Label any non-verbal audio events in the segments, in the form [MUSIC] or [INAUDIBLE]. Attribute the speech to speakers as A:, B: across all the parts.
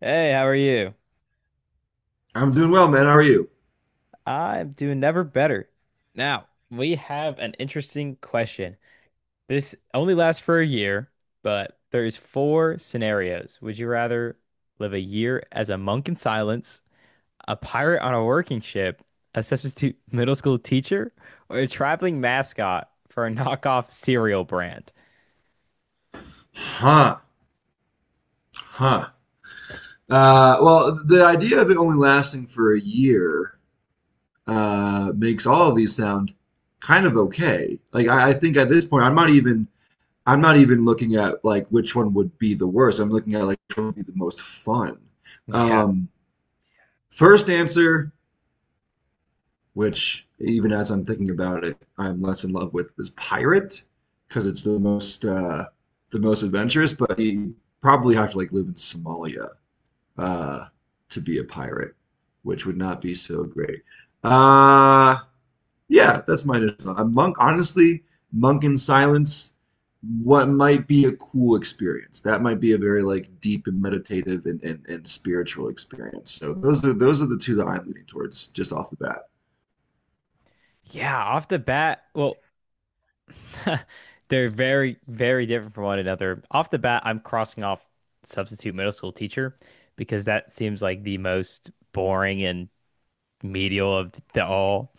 A: Hey, how are you?
B: I'm doing well, man. How are you?
A: I'm doing never better. Now, we have an interesting question. This only lasts for a year, but there's four scenarios. Would you rather live a year as a monk in silence, a pirate on a working ship, a substitute [LAUGHS] middle school teacher, or a traveling mascot for a knockoff cereal brand?
B: Huh. Huh. Well, the idea of it only lasting for a year makes all of these sound kind of okay. Like I think at this point, I'm not even looking at like which one would be the worst. I'm looking at like which one would be the most fun.
A: [LAUGHS] Yeah.
B: Um, first answer, which even as I'm thinking about it, I'm less in love with, was pirate because it's the most adventurous. But you probably have to like live in Somalia uh, to be a pirate, which would not be so great. Uh, yeah, that's my initial. A monk, honestly, monk in silence. What might be a cool experience? That might be a very like deep and meditative and spiritual experience. So those are the two that I'm leaning towards just off the bat.
A: Yeah, off the bat, well, [LAUGHS] they're very, very different from one another. Off the bat, I'm crossing off substitute middle school teacher because that seems like the most boring and medial of the all.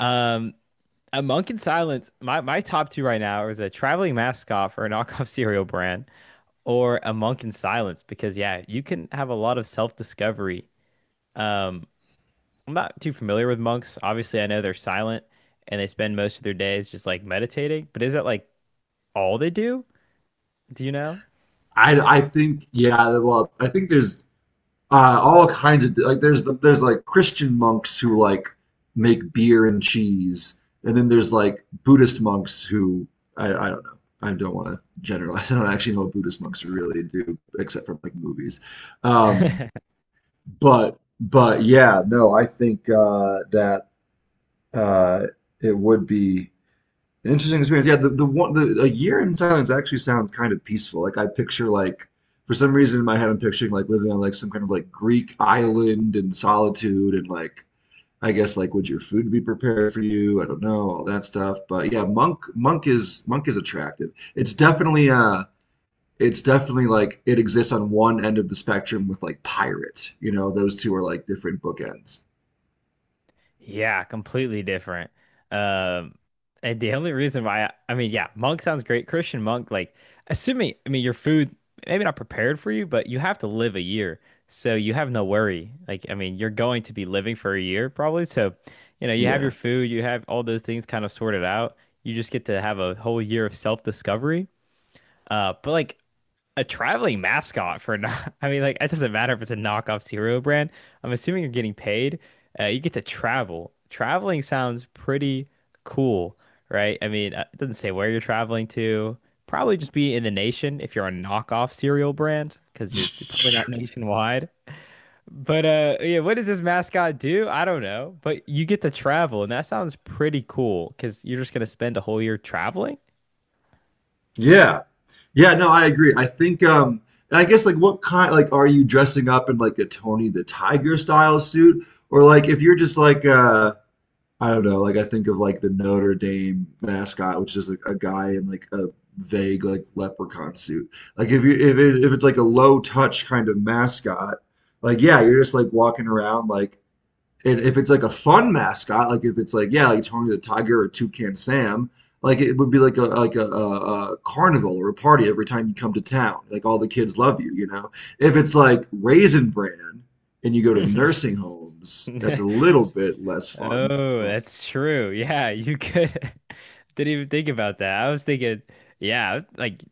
A: Um, a monk in silence. My top two right now is a traveling mascot for a knockoff [LAUGHS] cereal brand or a monk in silence because yeah, you can have a lot of self discovery. Um, I'm not too familiar with monks. Obviously, I know they're silent and they spend most of their days just like meditating. But is that like all they do? Do you know?
B: I think yeah well I think there's all kinds of like there's like Christian monks who like make beer and cheese, and then there's like Buddhist monks who I don't know. I don't want to generalize. [LAUGHS] I don't actually know what Buddhist monks really do, except for like movies. Um,
A: [LAUGHS]
B: but yeah, no, I think that uh, it would be an interesting experience. Yeah, the a year in Thailand actually sounds kind of peaceful. Like I picture like for some reason in my head I'm picturing like living on like some kind of like Greek island in solitude and like I guess like would your food be prepared for you? I don't know, all that stuff. But yeah, monk is attractive. It's definitely like it exists on one end of the spectrum with like pirate. You know, those two are like different bookends.
A: Yeah, completely different. Um, and the only reason why I mean, yeah, monk sounds great. Christian monk, like assuming, I mean, your food maybe not prepared for you, but you have to live a year, so you have no worry. Like, I mean, you're going to be living for a year probably, so you know, you have your
B: Yeah.
A: food, you have all those things kind of sorted out. You just get to have a whole year of self-discovery. But like a traveling mascot for not, [LAUGHS] I mean, like, it doesn't matter if it's a knockoff cereal brand. I'm assuming you're getting paid. You get to travel. Traveling sounds pretty cool, right? I mean, it doesn't say where you're traveling to. Probably just be in the nation if you're a knockoff cereal brand, because you're probably not
B: [LAUGHS]
A: nationwide. But yeah, what does this mascot do? I don't know. But you get to travel, and that sounds pretty cool because you're just gonna spend a whole year traveling.
B: Yeah. Yeah, no, I agree. I think and I guess like what kind like are you dressing up in like a Tony the Tiger style suit or like if you're just like I don't know, like I think of like the Notre Dame mascot which is like a guy in like a vague like leprechaun suit. Like if it's like a low touch kind of mascot, like yeah, you're just like walking around like and if it's like a fun mascot, like if it's like yeah, like Tony the Tiger or Toucan Sam, like it would be like a carnival or a party every time you come to town. Like all the kids love you, you know. If it's like Raisin Bran and you go to
A: [LAUGHS]
B: nursing homes, that's a little bit less fun.
A: Oh,
B: But
A: that's true. Yeah, you could. [LAUGHS] Didn't even think about that. I was thinking, yeah, like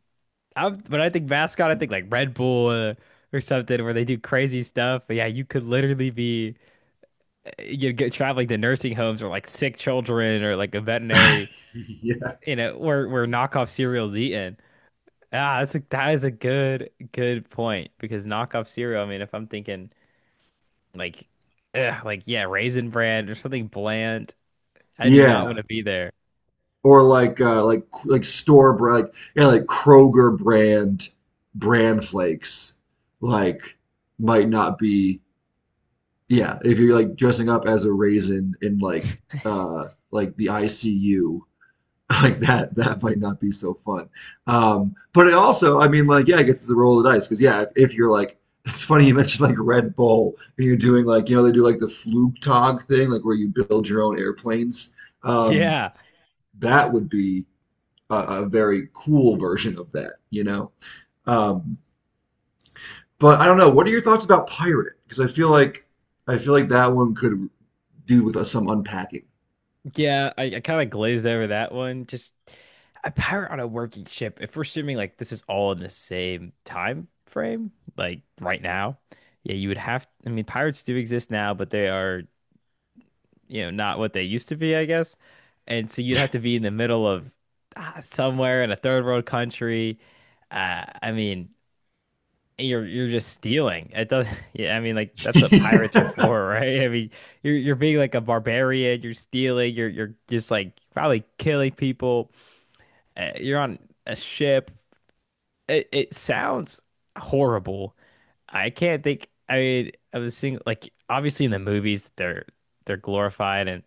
A: I, when I think mascot, I think like Red Bull or something where they do crazy stuff. But yeah, you could literally be you get traveling to nursing homes or like sick children or like a veterinary,
B: [LAUGHS] yeah.
A: you know, where knockoff cereal's eaten. Ah, that is a good point because knockoff cereal. I mean, if I'm thinking like, ugh, like yeah, Raisin Bran or something bland, I do not want
B: Yeah,
A: to be there.
B: or like like store brand, like yeah, like Kroger brand flakes, like might not be. Yeah, if you're like dressing up as a raisin in like the ICU, [LAUGHS] like that that might not be so fun. But it also, I mean, like yeah, I guess it's a roll of the dice because yeah, if you're like [LAUGHS] it's funny you mentioned like Red Bull and you're doing like you know they do like the Flugtag thing like where you build your own airplanes. Um,
A: Yeah,
B: that would be a very cool version of that, you know. Um, but I don't know. What are your thoughts about pirate? Because I feel like that one could do with some unpacking.
A: yeah, I kind of glazed over that one. Just a pirate on a working ship. If we're assuming like this is all in the same time frame, like right now, yeah, you would have. I mean, pirates do exist now, but they are, you know, not what they used to be, I guess. And so you'd have to be in the middle of ah, somewhere in a third world country. I mean, you're just stealing. It does [LAUGHS] yeah, I mean like
B: [LAUGHS]
A: that's what pirates are
B: Yeah.
A: for, [LAUGHS] right? I mean you're being like a barbarian, you're stealing, you're just like probably killing people. You're on a ship. It sounds horrible. I can't think I mean I was seeing like obviously in the movies they're glorified and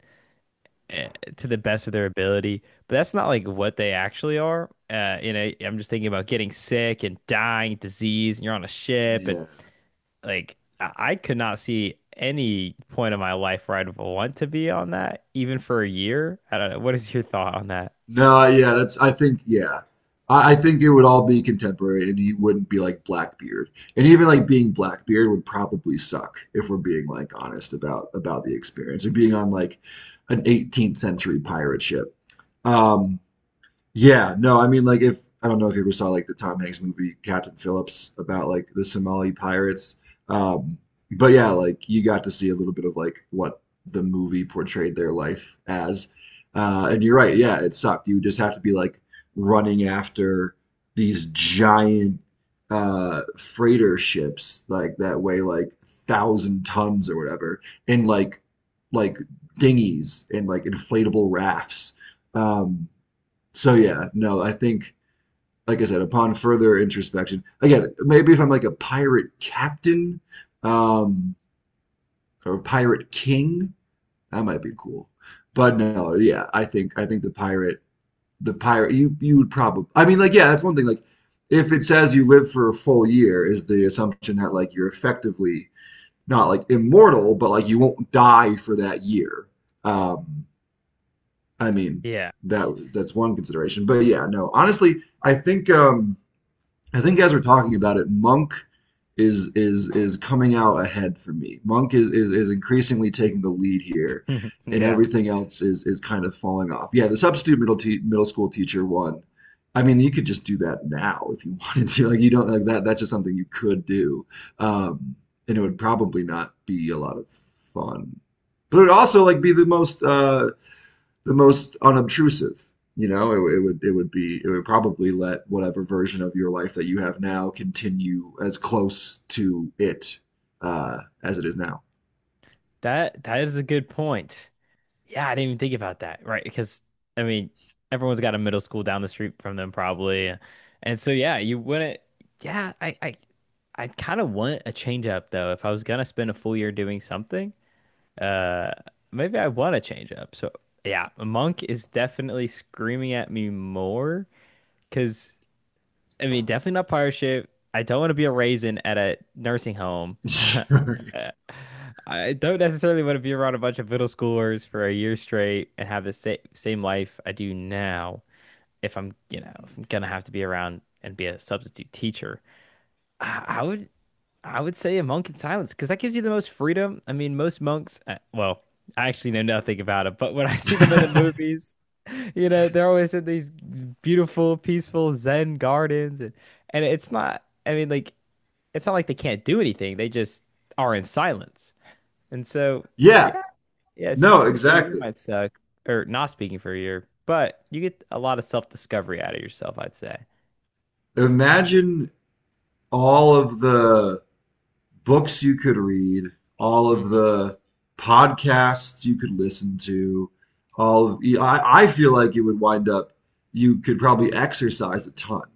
A: uh, to the best of their ability, but that's not like what they actually are. You know, I'm just thinking about getting sick and dying, disease, and you're on a ship and like I could not see any point in my life where I'd want to be on that, even for a year. I don't know. What is your thought on that?
B: No, yeah, that's I think yeah. I think it would all be contemporary and you wouldn't be like Blackbeard. And even like being Blackbeard would probably suck if we're being like honest about the experience of being on like an 18th century pirate ship. Um. Yeah, no, I mean like if I don't know if you ever saw like the Tom Hanks movie Captain Phillips about like the Somali pirates. Um, but yeah, like you got to see a little bit of like what the movie portrayed their life as. And you're right, yeah, it sucked. You just have to be like running after these giant freighter ships like that weigh like thousand tons or whatever, and like dinghies and like inflatable rafts. Um so yeah, no, I think like I said, upon further introspection, again, maybe if I'm like a pirate captain um, or a pirate king, that might be cool. But no, yeah, I think the pirate, you would probably, I mean, like yeah, that's one thing. Like if it says you live for a full year, is the assumption that like you're effectively not like immortal, but like you won't die for that year. Um, I mean,
A: Yeah.
B: that that's one consideration. But yeah, no, honestly, I think. I think as we're talking about it, Monk is coming out ahead for me. Monk is increasingly taking the lead here,
A: [LAUGHS]
B: and
A: Yeah.
B: everything else is kind of falling off. Yeah, the substitute middle school teacher one. I mean, you could just do that now if you [LAUGHS] wanted to. Like you don't like that. That's just something you could do, um, and it would probably not be a lot of fun. But it would also like be the most unobtrusive. You know, it would probably let whatever version of your life that you have now continue as close to it uh, as it is now.
A: That that is a good point. Yeah, I didn't even think about that, right? Because I mean, everyone's got a middle school down the street from them probably. And so yeah, you wouldn't yeah, I I kind of want a change up though. If I was gonna spend a full year doing something, Uh, maybe I want to change up. So yeah, Monk is definitely screaming at me more because I mean, definitely not pirate ship. I don't want to be a raisin at a nursing home. [LAUGHS]
B: Sure.
A: I don't necessarily want to be around a bunch of middle schoolers for a year straight and have the same life I do now. If I'm, you know, if I'm gonna have to be around and be a substitute teacher, I would I would say a monk in silence because that gives you the most freedom. I mean, most monks, well, I actually know nothing about it, but when I see them in the
B: [LAUGHS]
A: movies, you know, they're always in these beautiful, peaceful Zen gardens, and it's not. I mean, like it's not like they can't do anything; they just are in silence. And so,
B: Yeah,
A: yeah, yeah,
B: no,
A: speaking for a year
B: exactly.
A: might suck, or not speaking for a year, but you get a lot of self-discovery out of yourself, I'd say.
B: Imagine all of the books you could read, all of
A: Hmm.
B: the podcasts you could listen to, I feel like it would wind up, you could probably exercise a ton,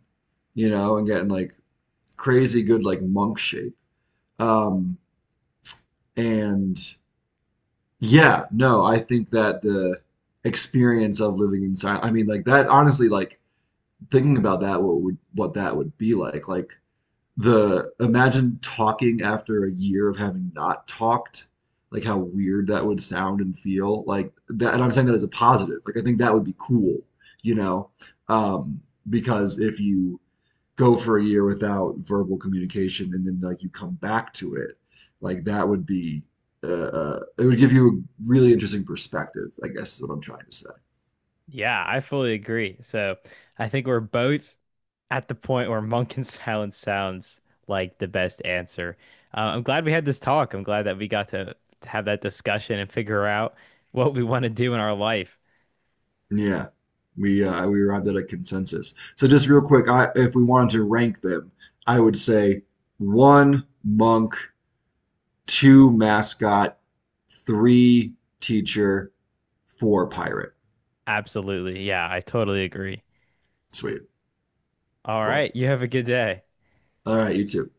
B: you know, and getting like crazy good like monk shape. Um, and yeah, no, I think that the experience of living in silence. I mean, like that. Honestly, like thinking about that, what would what that would be like? Like the imagine talking after a year of having not talked. Like how weird that would sound and feel. Like that, and I'm saying that as a positive. Like I think that would be cool, you know, um, because if you go for a year without verbal communication and then like you come back to it like that would be uh, it would give you a really interesting perspective I guess is what I'm trying to say.
A: Yeah, I fully agree. So I think we're both at the point where Monk and Silence sounds like the best answer. I'm glad we had this talk. I'm glad that we got to have that discussion and figure out what we want to do in our life.
B: Yeah, we arrived at a consensus, so just real quick, I if we wanted to rank them I would say one monk, two mascot, three teacher, four pirate.
A: Absolutely. Yeah, I totally agree.
B: Sweet.
A: All right.
B: Cool.
A: You have a good day.
B: All right, you too.